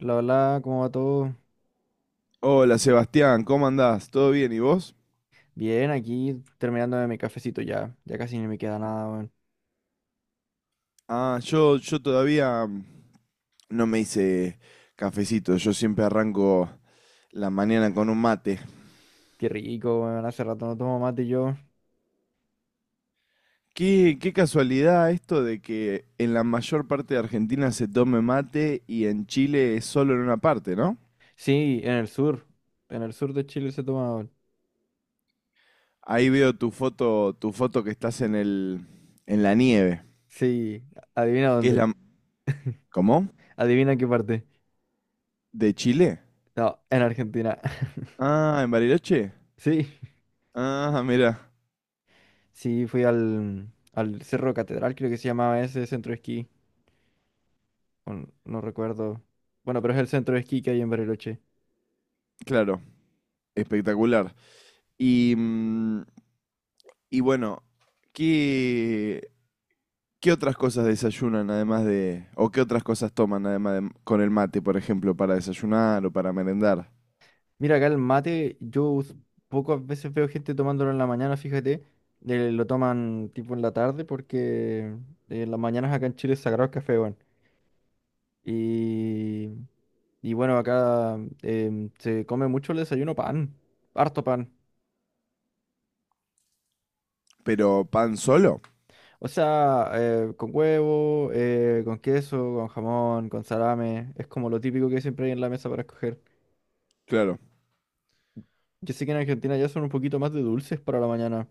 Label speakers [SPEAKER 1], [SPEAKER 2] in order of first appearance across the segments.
[SPEAKER 1] Hola, hola, ¿cómo va todo?
[SPEAKER 2] Hola Sebastián, ¿cómo andás? ¿Todo bien? ¿Y vos?
[SPEAKER 1] Bien, aquí terminando de mi cafecito ya. Ya casi ni me queda nada, weón.
[SPEAKER 2] Ah, yo todavía no me hice cafecito, yo siempre arranco la mañana con un mate.
[SPEAKER 1] Qué rico, weón. Hace rato no tomo mate yo.
[SPEAKER 2] Qué casualidad esto de que en la mayor parte de Argentina se tome mate y en Chile es solo en una parte, ¿no?
[SPEAKER 1] Sí, en el sur. En el sur de Chile se toma, weón.
[SPEAKER 2] Ahí veo tu foto que estás en en la nieve,
[SPEAKER 1] Sí, adivina
[SPEAKER 2] que es la...
[SPEAKER 1] dónde.
[SPEAKER 2] ¿Cómo?
[SPEAKER 1] Adivina qué parte.
[SPEAKER 2] ¿De Chile?
[SPEAKER 1] No, en Argentina.
[SPEAKER 2] Ah, ¿en Bariloche?
[SPEAKER 1] Sí,
[SPEAKER 2] Ah, mira,
[SPEAKER 1] sí, fui al Cerro Catedral, creo que se llamaba ese centro de esquí. No recuerdo. Bueno, pero es el centro de esquí que hay en Bariloche.
[SPEAKER 2] claro, espectacular. Y mm, Y bueno, ¿qué, ¿qué otras cosas desayunan además de, o qué otras cosas toman además de, con el mate, por ejemplo, para desayunar o para merendar?
[SPEAKER 1] Mira, acá el mate, pocas veces veo gente tomándolo en la mañana, fíjate, lo toman tipo en la tarde porque en las mañanas acá en Chile es sagrado el café, weón. Y, y bueno, acá se come mucho el desayuno pan, harto pan.
[SPEAKER 2] Pero pan solo,
[SPEAKER 1] O sea, con huevo, con queso, con jamón, con salame, es como lo típico que siempre hay en la mesa para escoger.
[SPEAKER 2] claro.
[SPEAKER 1] Yo sé que en Argentina ya son un poquito más de dulces para la mañana.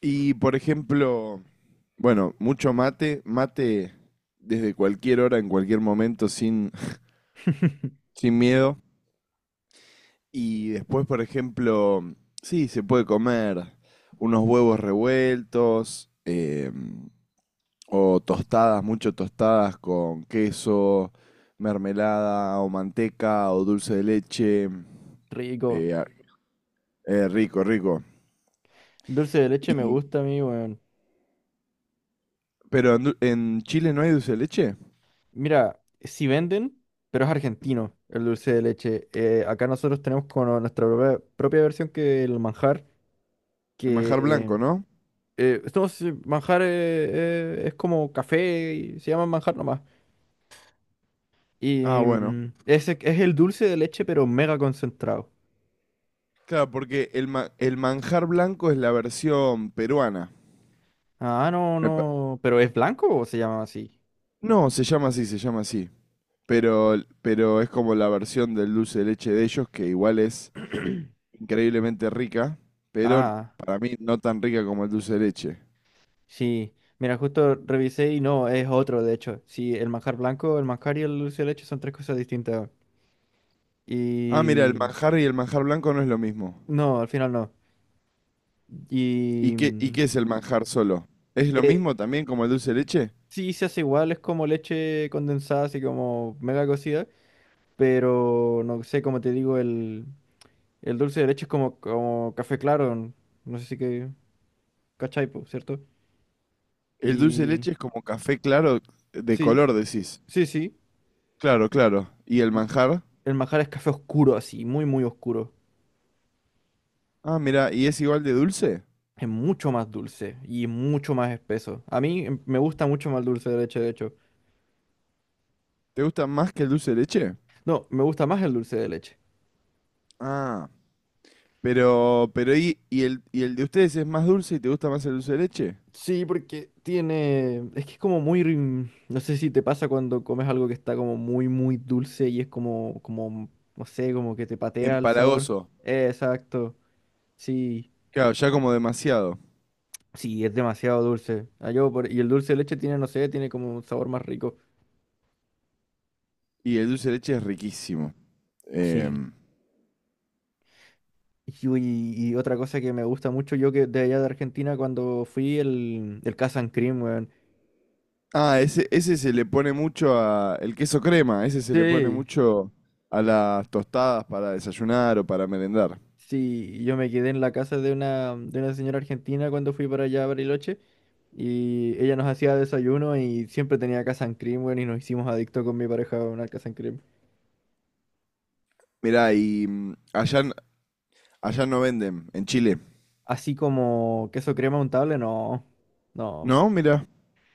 [SPEAKER 2] Y por ejemplo, bueno, mucho mate desde cualquier hora, en cualquier momento, sin miedo. Y después, por ejemplo, sí, se puede comer unos huevos revueltos, o tostadas, mucho tostadas con queso, mermelada o manteca o dulce de leche.
[SPEAKER 1] Rico.
[SPEAKER 2] Eh, a- rico, rico.
[SPEAKER 1] Dulce de leche me
[SPEAKER 2] Y,
[SPEAKER 1] gusta a mí, weón.
[SPEAKER 2] pero en Chile no hay dulce de leche.
[SPEAKER 1] Mira, si venden, pero es argentino el dulce de leche. Acá nosotros tenemos como nuestra propia versión que el manjar,
[SPEAKER 2] El manjar
[SPEAKER 1] que
[SPEAKER 2] blanco, ¿no?
[SPEAKER 1] manjar es como café y se llama manjar nomás.
[SPEAKER 2] Ah,
[SPEAKER 1] Y
[SPEAKER 2] bueno.
[SPEAKER 1] ese es el dulce de leche, pero mega concentrado.
[SPEAKER 2] Claro, porque el manjar blanco es la versión peruana.
[SPEAKER 1] Ah, no,
[SPEAKER 2] Me pa-
[SPEAKER 1] no, pero ¿es blanco o se llama así?
[SPEAKER 2] No, se llama así. Pero, pero es como la versión del dulce de leche de ellos, que igual es increíblemente rica, pero
[SPEAKER 1] Ah,
[SPEAKER 2] para mí no tan rica como el dulce de leche.
[SPEAKER 1] sí. Mira, justo revisé y no, es otro, de hecho. Sí, el manjar blanco, el manjar y el dulce de leche son tres cosas distintas.
[SPEAKER 2] Ah, mira, el
[SPEAKER 1] Y
[SPEAKER 2] manjar y el manjar blanco no es lo mismo.
[SPEAKER 1] no, al final no. Y
[SPEAKER 2] ¿Y
[SPEAKER 1] mm,
[SPEAKER 2] qué es el manjar solo? ¿Es lo mismo
[SPEAKER 1] eh,
[SPEAKER 2] también como el dulce de leche?
[SPEAKER 1] sí se hace igual, es como leche condensada, así como mega cocida, pero no sé, como te digo, el dulce de leche es como, como café claro, no sé si que cachai, po, ¿cierto?
[SPEAKER 2] El dulce de
[SPEAKER 1] Y
[SPEAKER 2] leche es como café claro de
[SPEAKER 1] sí,
[SPEAKER 2] color, decís.
[SPEAKER 1] sí, sí.
[SPEAKER 2] Claro, claro. ¿Y el
[SPEAKER 1] Y
[SPEAKER 2] manjar?
[SPEAKER 1] el manjar es café oscuro, así, muy, muy oscuro.
[SPEAKER 2] Ah, mira, ¿y es igual de dulce?
[SPEAKER 1] Es mucho más dulce y mucho más espeso. A mí me gusta mucho más el dulce de leche, de hecho.
[SPEAKER 2] ¿Te gusta más que el dulce de leche?
[SPEAKER 1] No, me gusta más el dulce de leche.
[SPEAKER 2] Ah, pero ¿y el, y el de ustedes es más dulce y te gusta más el dulce de leche?
[SPEAKER 1] Sí, porque tiene. Es que es como muy. No sé si te pasa cuando comes algo que está como muy, muy dulce y es como, como, no sé, como que te patea el sabor.
[SPEAKER 2] Empalagoso.
[SPEAKER 1] Exacto. Sí,
[SPEAKER 2] Claro, ya como demasiado.
[SPEAKER 1] sí, es demasiado dulce. Y el dulce de leche tiene, no sé, tiene como un sabor más rico.
[SPEAKER 2] Y el dulce de leche es riquísimo.
[SPEAKER 1] Sí.
[SPEAKER 2] Em,
[SPEAKER 1] Y, uy, y otra cosa que me gusta mucho, yo que de allá de Argentina, cuando fui el Casa and Cream, weón.
[SPEAKER 2] ah, ese se le pone mucho a... El queso crema, ese se le pone
[SPEAKER 1] Sí,
[SPEAKER 2] mucho a las tostadas para desayunar o para merendar.
[SPEAKER 1] sí, yo me quedé en la casa de una señora argentina cuando fui para allá a Bariloche. Y ella nos hacía desayuno y siempre tenía Casan Cream, weón, y nos hicimos adictos con mi pareja a una Casan Cream.
[SPEAKER 2] Mirá, allá, allá no venden, en Chile.
[SPEAKER 1] Así como queso crema untable, no. No.
[SPEAKER 2] ¿No? Mirá.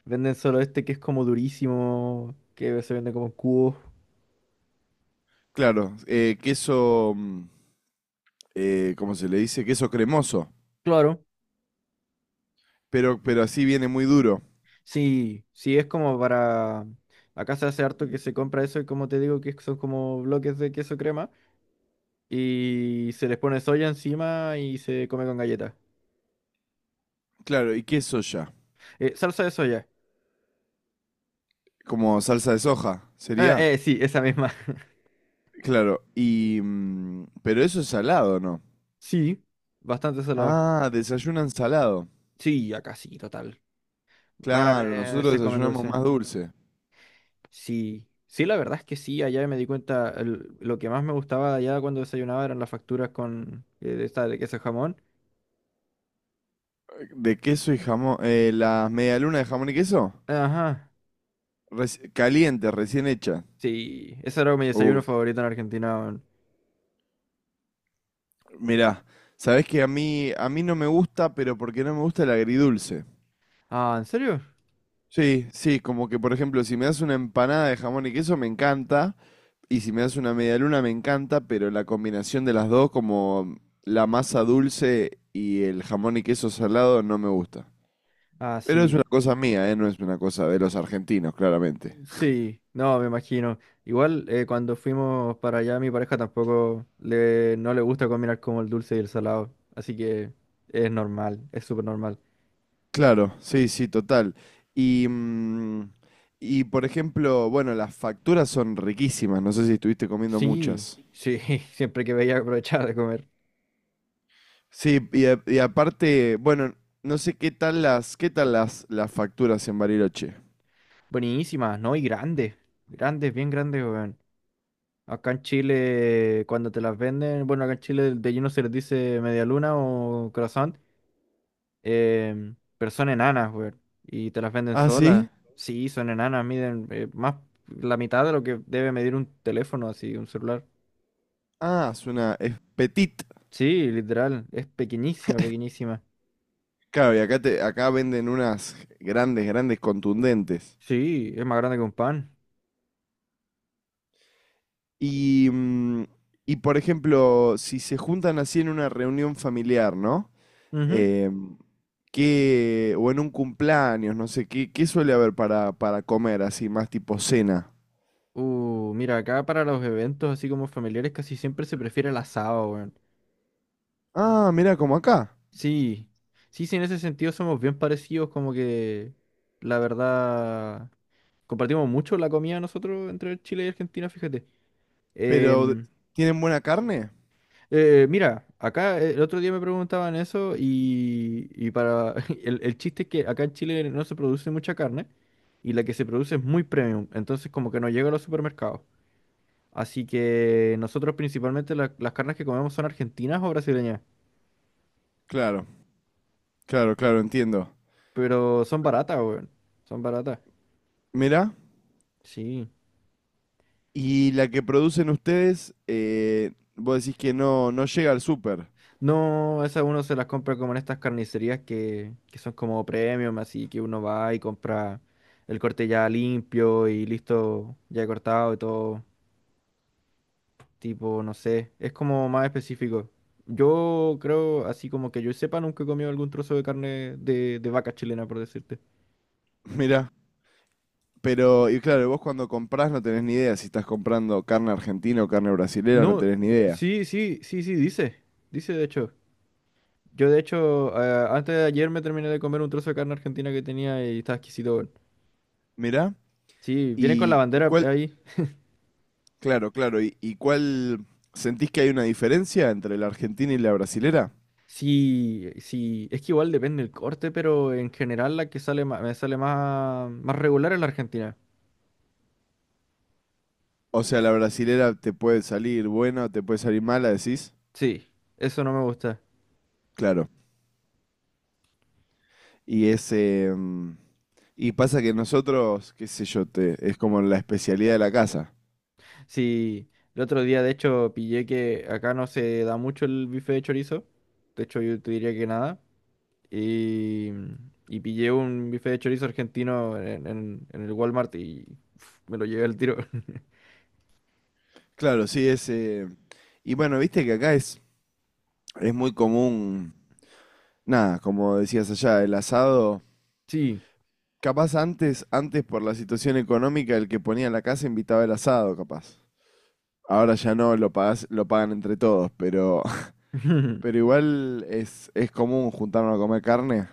[SPEAKER 1] Venden solo este que es como durísimo, que se vende como en cubos.
[SPEAKER 2] Claro, queso, ¿cómo se le dice? Queso cremoso,
[SPEAKER 1] Claro,
[SPEAKER 2] pero así viene muy duro.
[SPEAKER 1] sí, sí es como para... Acá se hace harto que se compra eso y como te digo que son como bloques de queso crema y se les pone soya encima y se come con galletas.
[SPEAKER 2] Claro, ¿y qué es soya?
[SPEAKER 1] Salsa de soya.
[SPEAKER 2] Como salsa de soja,
[SPEAKER 1] Ah,
[SPEAKER 2] sería.
[SPEAKER 1] sí, esa misma.
[SPEAKER 2] Claro, pero eso es salado, ¿no?
[SPEAKER 1] Sí, bastante salado.
[SPEAKER 2] Ah, desayunan salado.
[SPEAKER 1] Sí, acá sí, total. Rara
[SPEAKER 2] Claro,
[SPEAKER 1] vez se
[SPEAKER 2] nosotros
[SPEAKER 1] comen
[SPEAKER 2] desayunamos
[SPEAKER 1] dulce.
[SPEAKER 2] más dulce.
[SPEAKER 1] Sí, sí, la verdad es que sí, allá me di cuenta, lo que más me gustaba allá cuando desayunaba eran las facturas con de esta de queso jamón.
[SPEAKER 2] De queso y jamón. Las medialunas de jamón y queso.
[SPEAKER 1] Ajá,
[SPEAKER 2] Caliente, recién hecha.
[SPEAKER 1] sí, ese era mi
[SPEAKER 2] Uh,
[SPEAKER 1] desayuno favorito en Argentina. Weón.
[SPEAKER 2] mirá, sabés que a mí no me gusta, pero porque no me gusta el agridulce.
[SPEAKER 1] Ah, ¿en serio?
[SPEAKER 2] Sí, sí, como que por ejemplo, si me das una empanada de jamón y queso, me encanta. Y si me das una medialuna, me encanta, pero la combinación de las dos, como la masa dulce y el jamón y queso salado, no me gusta.
[SPEAKER 1] Ah,
[SPEAKER 2] Pero es
[SPEAKER 1] sí,
[SPEAKER 2] una cosa mía, ¿eh? No es una cosa de los argentinos, claramente.
[SPEAKER 1] sí, no, me imagino. Igual cuando fuimos para allá, mi pareja tampoco le, no le gusta combinar como el dulce y el salado, así que es normal, es súper normal.
[SPEAKER 2] Claro, sí, sí, total. Y, mm, y por ejemplo, bueno, las facturas son riquísimas, no sé si estuviste comiendo
[SPEAKER 1] Sí,
[SPEAKER 2] muchas.
[SPEAKER 1] sí, siempre que veía aprovechaba de comer.
[SPEAKER 2] Sí, y aparte, bueno, no sé las facturas en Bariloche.
[SPEAKER 1] Buenísimas, ¿no? Y grandes, grandes, bien grandes, weón. Acá en Chile, cuando te las venden, bueno, acá en Chile de lleno se les dice media luna o croissant, pero son enanas, weón. Y te las venden
[SPEAKER 2] Ah,
[SPEAKER 1] solas.
[SPEAKER 2] sí.
[SPEAKER 1] Sí, son enanas, miden más la mitad de lo que debe medir un teléfono, así, un celular.
[SPEAKER 2] Ah, es una es petit.
[SPEAKER 1] Sí, literal, es pequeñísima, pequeñísima.
[SPEAKER 2] Claro, y acá acá venden unas grandes, grandes contundentes.
[SPEAKER 1] Sí, es más grande que un pan.
[SPEAKER 2] Y, mm, y por ejemplo, si se juntan así en una reunión familiar, ¿no?
[SPEAKER 1] Ujú.
[SPEAKER 2] Em, ¿qué- o en un cumpleaños, no sé, ¿qué suele haber para comer así, más tipo cena?
[SPEAKER 1] Mira, acá para los eventos así como familiares casi siempre se prefiere el asado, weón.
[SPEAKER 2] Ah, mira, como acá.
[SPEAKER 1] Sí, sí, sí, en ese sentido somos bien parecidos, como que la verdad compartimos mucho la comida nosotros entre Chile y Argentina, fíjate.
[SPEAKER 2] Pero,
[SPEAKER 1] Em,
[SPEAKER 2] ¿tienen buena carne?
[SPEAKER 1] Mira, acá el otro día me preguntaban eso y para el chiste es que acá en Chile no se produce mucha carne y la que se produce es muy premium, entonces como que no llega a los supermercados. Así que nosotros principalmente las carnes que comemos son argentinas o brasileñas,
[SPEAKER 2] Claro, claro, claro, entiendo.
[SPEAKER 1] pero son baratas, weón. Son baratas.
[SPEAKER 2] Mira,
[SPEAKER 1] Sí.
[SPEAKER 2] y la que producen ustedes, vos decís que no llega al súper.
[SPEAKER 1] No, esas uno se las compra como en estas carnicerías que son como premium, así que uno va y compra el corte ya limpio y listo, ya cortado y todo. Tipo, no sé, es como más específico. Yo creo, así como que yo sepa, nunca he comido algún trozo de carne de vaca chilena, por decirte.
[SPEAKER 2] Mira. Pero, y claro, vos cuando comprás no tenés ni idea si estás comprando carne argentina o carne brasilera, no
[SPEAKER 1] No,
[SPEAKER 2] tenés ni idea.
[SPEAKER 1] sí, sí, sí, sí, dice. Dice, de hecho. Yo de hecho, antes de ayer me terminé de comer un trozo de carne argentina que tenía y estaba exquisito. Weón.
[SPEAKER 2] Mirá.
[SPEAKER 1] Sí, viene con la
[SPEAKER 2] Y
[SPEAKER 1] bandera
[SPEAKER 2] cuál?
[SPEAKER 1] ahí.
[SPEAKER 2] Claro, claro. Y cuál? ¿Sentís que hay una diferencia entre la argentina y la brasilera?
[SPEAKER 1] Sí, sí, es que igual depende el corte, pero en general la que sale me sale más, más regular es la argentina.
[SPEAKER 2] O sea, la brasilera te puede salir buena o te puede salir mala, decís.
[SPEAKER 1] Sí, eso no me gusta.
[SPEAKER 2] Claro. Y ese. Y pasa que nosotros, qué sé yo, te, es como la especialidad de la casa.
[SPEAKER 1] Sí, el otro día de hecho pillé que acá no se da mucho el bife de chorizo. De hecho yo te diría que nada. Y, y pillé un bife de chorizo argentino en el Walmart y uf, me lo llevé al tiro.
[SPEAKER 2] Claro, sí, ese. Y bueno, viste que acá es muy común nada, como decías allá, el asado.
[SPEAKER 1] Sí.
[SPEAKER 2] Capaz antes por la situación económica, el que ponía la casa invitaba el asado, capaz. Ahora ya no, lo pagan entre todos, pero, pero igual es común juntarnos a comer carne.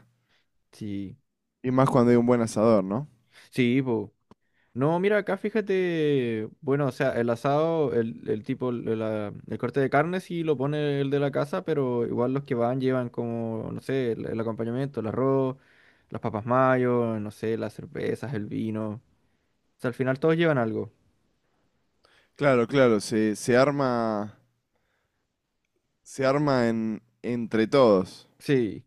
[SPEAKER 1] Sí,
[SPEAKER 2] Y más cuando hay un buen asador, ¿no?
[SPEAKER 1] sí, po. No, mira, acá fíjate, bueno, o sea, el asado, el tipo, el corte de carne sí lo pone el de la casa, pero igual los que van llevan como, no sé, el acompañamiento, el arroz, las papas mayo, no sé, las cervezas, el vino. O sea, al final todos llevan algo.
[SPEAKER 2] Claro, claro, se arma entre todos.
[SPEAKER 1] Sí,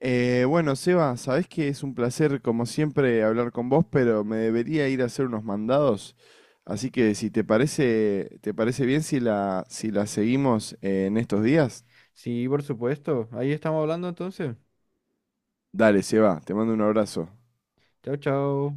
[SPEAKER 2] Bueno, Seba, sabés que es un placer, como siempre, hablar con vos, pero me debería ir a hacer unos mandados. Así que si te parece, te parece bien si si la seguimos en estos días,
[SPEAKER 1] sí, por supuesto. Ahí estamos hablando entonces.
[SPEAKER 2] dale, Seba, te mando un abrazo.
[SPEAKER 1] Chao, chao.